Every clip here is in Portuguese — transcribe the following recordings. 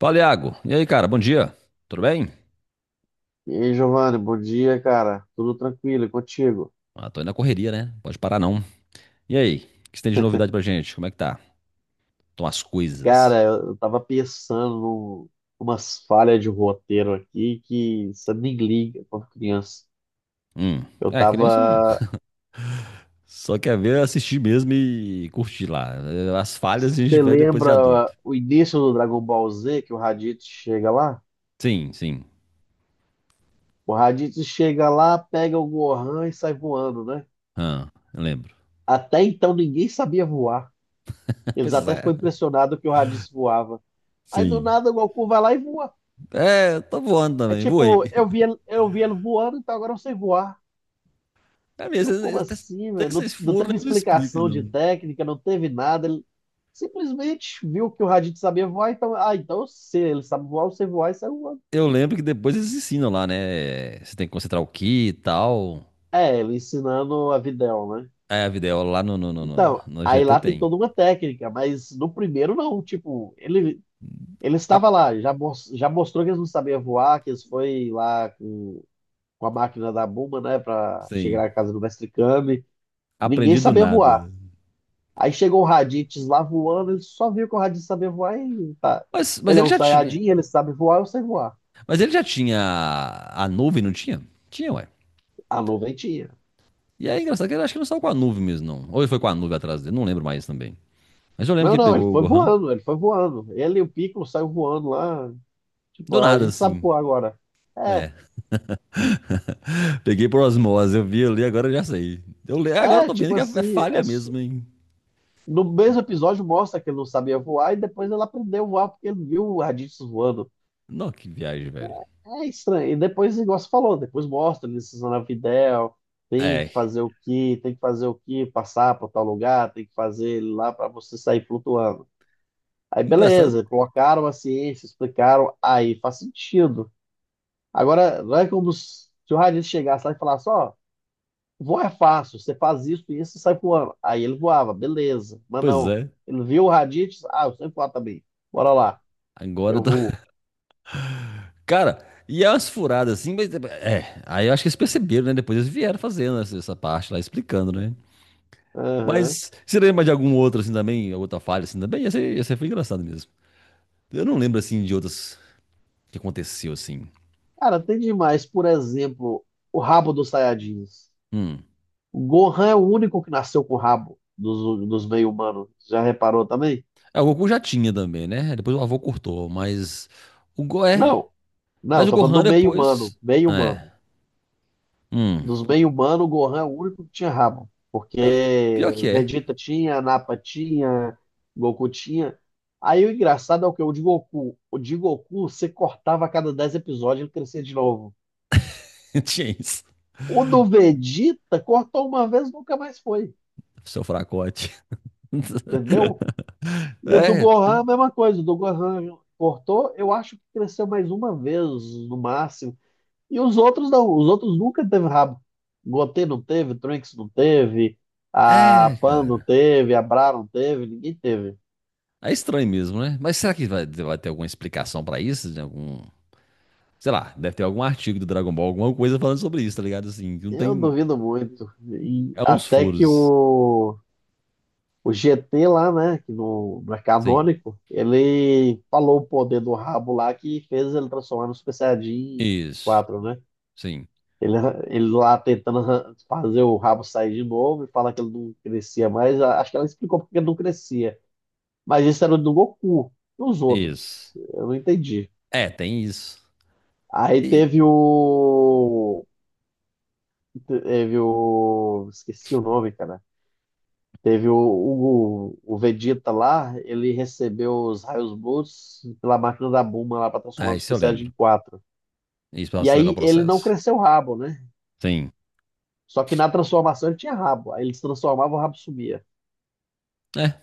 Fala, Iago. E aí, cara? Bom dia. Tudo bem? E aí, Giovanni, bom dia, cara. Tudo tranquilo e contigo? Ah, tô indo na correria, né? Pode parar não. E aí? O que você tem de novidade pra gente? Como é que tá? Estão as coisas? Cara, eu tava pensando umas falhas de roteiro aqui que você nem liga quando criança. Hum. Eu É, criança não. tava. Só quer ver, assistir mesmo e curtir lá. As falhas a gente Você vê depois de lembra adulto. o início do Dragon Ball Z, que o Raditz chega lá? Sim, sim. O Raditz chega lá, pega o Gohan e sai voando, né? Ah, eu lembro. Até então ninguém sabia voar. Eles Pois até é. ficou impressionados que o Raditz voava. Aí do Sim. nada o Goku vai lá e voa. É, eu tô voando É também. Voei. tipo, eu vi ele voando, então agora eu sei voar. É mesmo, Eu, como esses, esses assim, velho? Não, esses não furos teve não explicam, explicação de não. técnica, não teve nada. Ele simplesmente viu que o Raditz sabia voar, então, ah, então eu sei, ele sabe voar, você voar e saiu voando. Eu lembro que depois eles ensinam lá, né? Você tem que concentrar o que e tal. É, ele ensinando a Videl, né? É, a videoaula lá no, no, no, no, Então, no aí GT lá tem tem. toda uma técnica, mas no primeiro não, tipo, ele A- estava lá, já, já mostrou que eles não sabiam voar, que eles foi lá com a máquina da Buma, né, pra sim. chegar na casa do Mestre Kami. Ninguém Aprendi do sabia voar. nada. Aí chegou o Raditz lá voando, ele só viu que o Raditz sabia voar e tá. Mas Ele é ele um já tinha. Saiyajin, ele sabe voar, eu sei voar. Mas ele já tinha a nuvem, não tinha? Tinha, ué. A nuvem tinha. E aí, engraçado que ele acho que não saiu com a nuvem mesmo, não. Ou ele foi com a nuvem atrás dele, não lembro mais também. Mas eu lembro que Não, ele não, ele pegou o foi Gohan. voando, ele foi voando. Ele e o Piccolo saiu voando lá. Tipo, Do a nada, gente sabe assim. voar agora. É, É. Peguei por osmose, eu vi ali, agora eu já sei. Agora eu tô tipo vendo que é assim, falha mesmo, hein? no mesmo episódio mostra que ele não sabia voar e depois ele aprendeu a voar porque ele viu o Raditz voando. Não, que viagem, velho. É estranho. E depois, igual você falou, depois mostra eles usando a Videl, tem que É. fazer o que, tem que fazer o que, passar para tal lugar, tem que fazer ele lá para você sair flutuando. Aí Engraçado. beleza, colocaram a ciência, explicaram, aí faz sentido. Agora, não é como se o Raditz chegasse lá e falasse, ó, voar é fácil, você faz isso e isso, você sai voando. Aí ele voava, beleza. Mas Pois não, é. ele viu o Raditz, ah, eu sei voar também. Bora lá, Agora eu eu vou. Cara, e é umas furadas assim, mas é. Aí eu acho que eles perceberam, né? Depois eles vieram fazendo essa parte lá, explicando, né? Mas você lembra de algum outro assim também, outra falha assim também? Essa foi engraçado mesmo. Eu não lembro assim de outras que aconteceu assim. Cara, tem demais. Por exemplo, o rabo dos Saiyajins. Hum. O Gohan é o único que nasceu com o rabo dos meio-humanos. Já reparou também? É, o Goku já tinha também, né? Depois o avô cortou, mas o Go é. Não, não, Mas eu o tô falando Gohan do meio-humano. depois. É. Meio-humano. Hum. Dos meio-humanos, o Gohan é o único que tinha rabo. Pior, que- Porque pior que é. Vegeta tinha, Nappa tinha, Goku tinha. Aí o engraçado é o que? O de Goku. O de Goku, você cortava a cada 10 episódios, ele crescia de novo. Tinha isso. O do Vegeta cortou uma vez, nunca mais foi. Seu fracote. Entendeu? E o do É, Gohan, a tem. mesma coisa. O do Gohan cortou, eu acho que cresceu mais uma vez, no máximo. E os outros não. Os outros nunca teve rabo. Goten não teve, Trunks não teve, a É, Pan não cara. teve, a Bra não teve, ninguém teve. É estranho mesmo, né? Mas será que vai ter alguma explicação pra isso? De algum, sei lá, deve ter algum artigo do Dragon Ball, alguma coisa falando sobre isso, tá ligado? Assim, que não Eu tem. duvido muito. E É uns até que furos. O GT lá, né, que não é Sim. canônico, ele falou o poder do rabo lá que fez ele transformar no Super Saiyajin Isso. 4 né? Sim. Ele, ele lá tentando fazer o rabo sair de novo e falar que ele não crescia mais. Acho que ela explicou porque ele não crescia. Mas isso era do Goku, dos outros. Isso. Eu não entendi. É, tem isso. Aí E. teve o. Teve o. Esqueci o nome, cara. Teve o Vegeta lá, ele recebeu os raios Blues pela máquina da Bulma lá para transformar É, no isso Super eu Saiyajin lembro. quatro. Isso pra E acelerar o aí ele não processo. cresceu o rabo, né? Sim. Só que na transformação ele tinha rabo. Aí ele se transformava, o rabo sumia. É.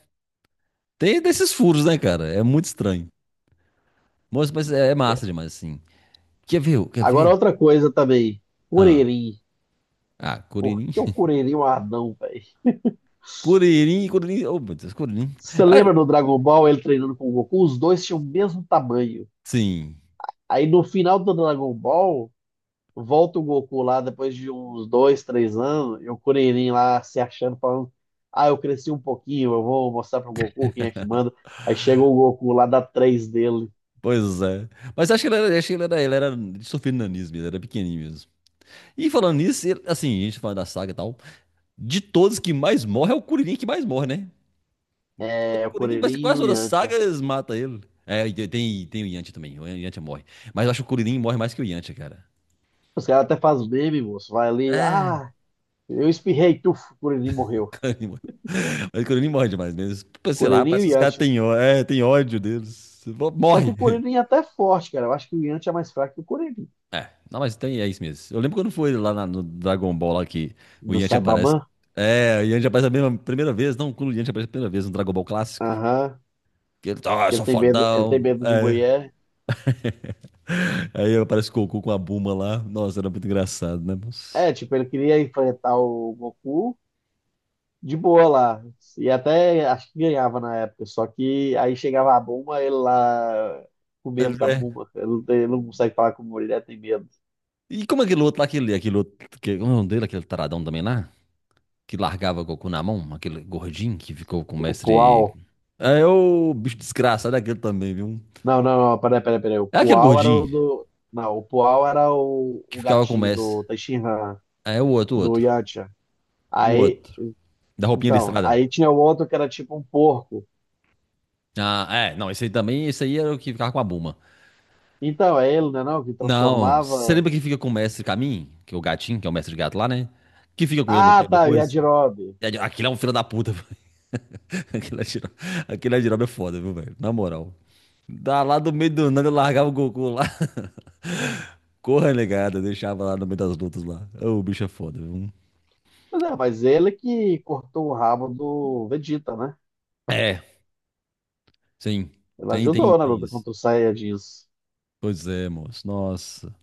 Tem desses furos, né, cara? É muito estranho. Mas é massa demais, assim. Quer ver? Quer Agora, ver? outra coisa também. Ah, Kuririn. ah, Por Curirim. que o Kuririn é um anão, velho? Curirim, Curirim. Oh, meu Deus, Curirim. Você Ah, lembra do Dragon Ball, ele treinando com o Goku? Os dois tinham o mesmo tamanho. sim. Aí no final do Dragon Ball, volta o Goku lá depois de uns dois, três anos, e o Kuririn lá se achando, falando: Ah, eu cresci um pouquinho, eu vou mostrar pro Goku quem é que manda. Aí chega o Goku lá, dá três dele. Pois é. Mas acho que ele era, acho que ele era de sofrendo nanismo, ele era pequenininho mesmo. E falando nisso, assim, a gente falando da saga e tal, de todos que mais morre é o Kuririn que mais morre, né? O É, o Kuririn parece que Kuririn e quase o todas as Yantia. sagas mata ele. É, e tem o Yantia também, o Yantia morre. Mas eu acho que o Kuririn morre mais que o Yantia, cara. Os caras até fazem meme, moço. Vai ali, É. ah, eu espirrei, tuf, o Kuririn morreu. Kuririn morre. Mas o Kuririn morre demais mesmo. Tipo, sei lá, Kuririn e parece o que os caras Yantia. têm ódio deles. Só que Morre. o Corinthians é até forte, cara. Eu acho que o Yanti é mais fraco que o Corinthians. É, não, mas tem, é isso mesmo. Eu lembro quando foi lá no Dragon Ball lá que o Do Yanti aparece. Saibaman? É, o Yanti aparece primeira vez, não, quando o Yanti aparece a primeira vez no Dragon Ball clássico. Aham. Que ele tá, eu sou Ele tem fodão. medo de É. mulher. Aí aparece o Goku com a Buma lá. Nossa, era muito engraçado, né, moço? É, tipo, ele queria enfrentar o Goku de boa lá. E até acho que ganhava na época. Só que aí chegava a Bulma, ele lá com medo Ele da é. Bulma. Ele não, ele não consegue falar com mulher, tem medo. E como aquele outro lá, aquele outro, que, como é o nome dele, aquele taradão também lá? Que largava o Goku na mão, aquele gordinho que ficou com o O mestre. Pual. É o bicho desgraçado, é aquele também, viu? Não, não, não, peraí, O É aquele Pual era o gordinho do. Não, o Pual era que o ficava com o gatinho do mestre. Tenshinhan, É o outro, o do outro. Yantia. O Aí outro. Da roupinha Então, listrada. aí tinha o outro que era tipo um porco. Ah, é. Não, esse aí também, esse aí era o que ficava com a Buma. Então, é ele, né, não, que Não, você transformava... lembra que fica com o mestre Camin? Que é o gatinho, que é o mestre gato lá, né? Que fica com ele no Ah, tempo tá, o depois. Yajirobe. Aquilo é um filho da puta. Aquilo é giroba, giroba é foda, viu, velho? Na moral. Da lá do meio do nada, eu largava o Goku lá. Corra, negada, deixava lá no meio das lutas lá. Ô, o bicho é foda, viu? Mas é, mas ele que cortou o rabo do Vegeta, né? É, sim. Ele Tem, tem, ajudou na tem luta isso. contra os Saiyajins. Pois é, moço. Nossa.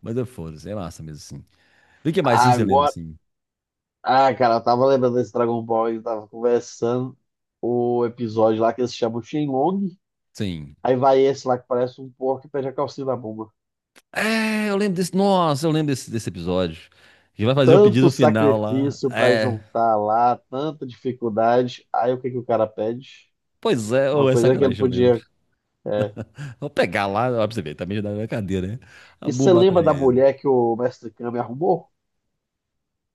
Mas é foda, é massa mesmo, assim. E o que mais, assim, você lembra, Agora... assim? Ah, cara, eu tava lembrando desse Dragon Ball, eu tava conversando o episódio lá que eles chamam Shenlong. Sim. Aí vai esse lá que parece um porco e pede a calcinha da Bulma. É, eu lembro desse. Nossa, eu lembro desse episódio. Que vai fazer o pedido Tanto no final lá. sacrifício pra É. juntar lá, tanta dificuldade. Aí o que que o cara pede? Pois é, Uma ou é coisa que ele sacanagem, eu lembro. podia. É. Vou pegar lá, ó, pra você ver, também já dá na cadeira, né? A E boa você lembra da mataria ele. mulher que o Mestre Kami arrumou?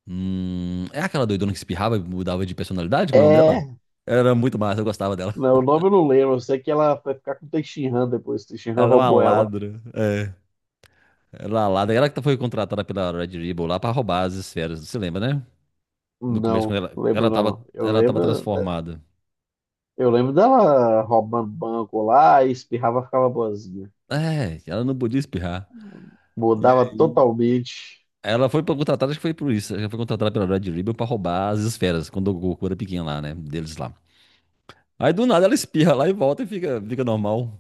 É aquela doidona que espirrava e mudava de personalidade, como é o nome dela? É. Era muito massa, eu gostava dela. Não, o nome eu não lembro. Eu sei que ela vai ficar com o Teixeira depois. O Teixeira Ela é uma roubou ela. ladra. É, ela é uma ladra. Ela que foi contratada pela Red Ribbon lá pra roubar as esferas, você lembra, né? No começo, quando Não, ela, não lembro ela não. tava, Eu ela tava lembro, né, transformada. eu lembro dela roubando banco lá e espirrava, ficava boazinha. É, ela não podia espirrar. Mudava totalmente. Ela foi contratada, acho que foi por isso. Ela foi contratada pela Red Ribbon pra roubar as esferas, quando o Goku era pequeno lá, né? Deles lá. Aí do nada ela espirra lá e volta e fica normal.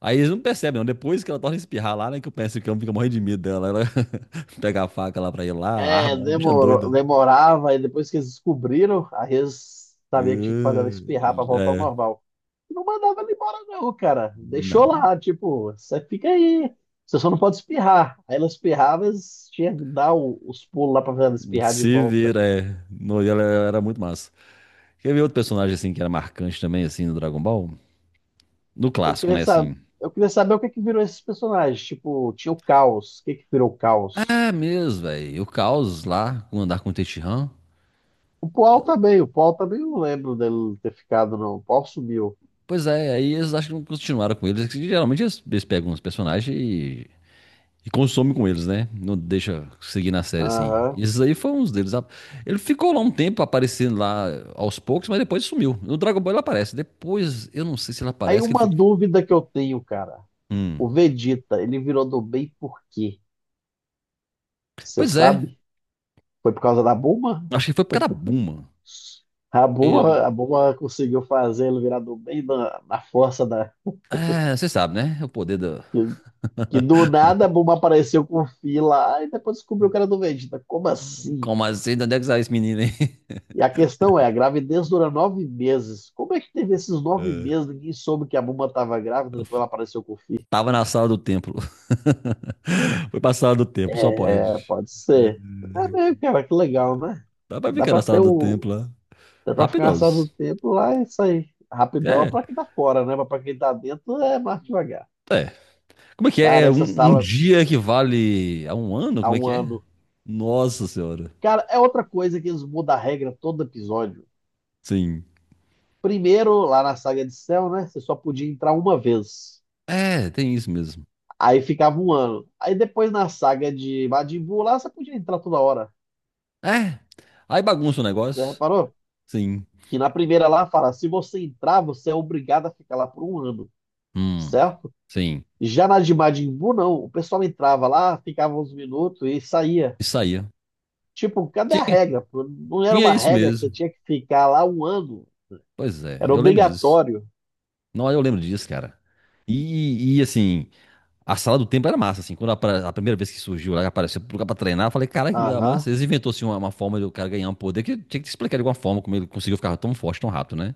Aí eles não percebem, não. Depois que ela torna a espirrar lá, né? Que o Pensacão fica morrendo de medo dela. Ela pega a faca lá pra ir lá, a É, arma, uma bicha demorou, doida. demorava, e depois que eles descobriram, a Rez sabia que tinha que fazer Ah, ela espirrar pra voltar ao é, normal. E Não mandava ele embora, não, cara. Deixou não. lá, tipo, você fica aí. Você só não pode espirrar. Aí ela espirrava, eles tinham que dar os pulos lá pra fazer ela espirrar de Se volta. vira, é. No, e ela era muito massa. Quer ver outro personagem assim que era marcante também, assim, no Dragon Ball? No Eu clássico, queria né? saber, Assim. eu queria saber o que que virou esses personagens. Tipo, tinha o Caos. O que que virou o Caos? É mesmo, velho. O Caos lá, com andar com o Tenshinhan. O Paul também não lembro dele ter ficado, não. O Paul sumiu. Pois é, aí eles acho que não continuaram com eles, que geralmente eles pegam os personagens e consomem com eles, né? Não deixa seguir na série assim. Aham. Esses aí foi uns deles. Ele ficou lá um tempo aparecendo lá aos poucos, mas depois sumiu. No Dragon Ball ele aparece. Depois, eu não sei se ele Aí aparece, que ele uma foi. dúvida que eu tenho, cara. Hum. O Vegeta, ele virou do bem por quê? Você Pois é, sabe? Foi por causa da Bulma? acho que foi por causa da Buma. Ele. A Bulma conseguiu fazer ele virar do bem na força da. É, você sabe, né? O poder do. Que, que do nada a Bulma apareceu com o Fi lá e depois descobriu que era do Vegeta. Como assim? Como assim? De onde é que saiu esse menino aí? E a questão é, a gravidez dura nove meses. Como é que teve esses nove É. meses? Ninguém soube que a Bulma estava grávida, depois ela apareceu com o filho. Tava na sala do templo. Foi pra sala do templo, só É, pode. pode É, ser. É mesmo, cara, que legal, né? dá pra Dá ficar pra na ter sala do um, tempo lá. dá pra ficar só do Rapidosos. tempo lá e sair. Rapidão é É, pra quem tá fora, né? Mas pra quem tá dentro é mais devagar. é. Como é que é? Cara, É essa um sala dia que vale a um ano? há Como é um que é? ano. Nossa senhora. Cara, é outra coisa que eles mudam a regra todo episódio. Sim. Primeiro, lá na saga de Cell, né? Você só podia entrar uma vez. É, tem isso mesmo. Aí ficava um ano. Aí depois na saga de Majin Buu, lá você podia entrar toda hora. É. Aí bagunça o Você negócio. reparou? Sim. Que na primeira lá fala, se você entrar, você é obrigado a ficar lá por um ano, Hum. certo? Sim. Já na de Majin Buu, não. O pessoal entrava lá, ficava uns minutos e saía. E saía. Tipo, cadê a Tinha, regra? Pô? Não era tinha uma isso regra que você mesmo. tinha que ficar lá um ano. Pois é, Era eu lembro disso. obrigatório. Não, eu lembro disso, cara. E assim, a sala do templo era massa, assim. Quando a primeira vez que surgiu lá, apareceu pro lugar pra treinar, eu falei, caralho, que lugar Aham. massa. Eles inventou, assim, uma forma do cara ganhar um poder que tinha que te explicar de alguma forma como ele conseguiu ficar tão forte, tão rápido, né?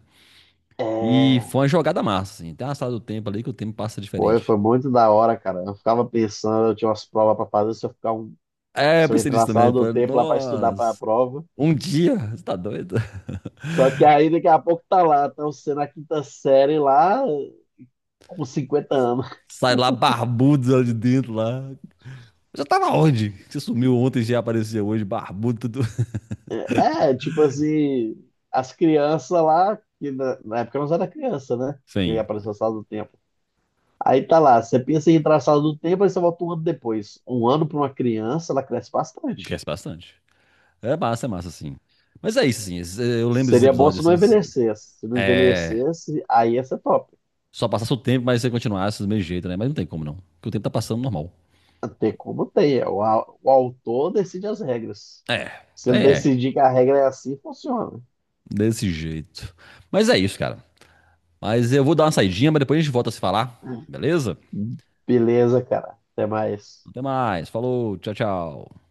E É. foi uma jogada massa, assim. Tem uma sala do templo ali que o tempo passa diferente. foi muito da hora, cara. Eu ficava pensando, eu tinha umas provas pra fazer, É, eu se eu pensei entrar nisso na também. sala Eu do falei, tempo lá pra estudar pra nossa, prova. um dia, você tá doido? Só que aí daqui a pouco tá lá, tá você na quinta série lá com 50 anos. Sai lá barbudo lá de dentro lá. Eu já tava onde? Você sumiu ontem, já apareceu hoje, barbudo, tudo. Tipo assim, as crianças lá, que na época eu não era criança, né? Que Sim, apareceu a sala do tempo. Aí tá lá, você pensa em traçado do tempo, aí você volta um ano depois. Um ano para uma criança, ela cresce cresce bastante. bastante. É massa, assim. Mas é isso, assim. Eu lembro desses Seria bom se episódios, não assim. envelhecesse. Se não É. envelhecesse, aí ia ser top. Só passasse o tempo, mas você continuasse do mesmo jeito, né? Mas não tem como não. Porque o tempo tá passando normal. Tem como tem. O autor decide as regras. É. Se ele É. decidir que a regra é assim, funciona. Desse jeito. Mas é isso, cara. Mas eu vou dar uma saidinha, mas depois a gente volta a se falar. Beleza? Beleza, cara. Até mais. Até mais. Falou. Tchau, tchau.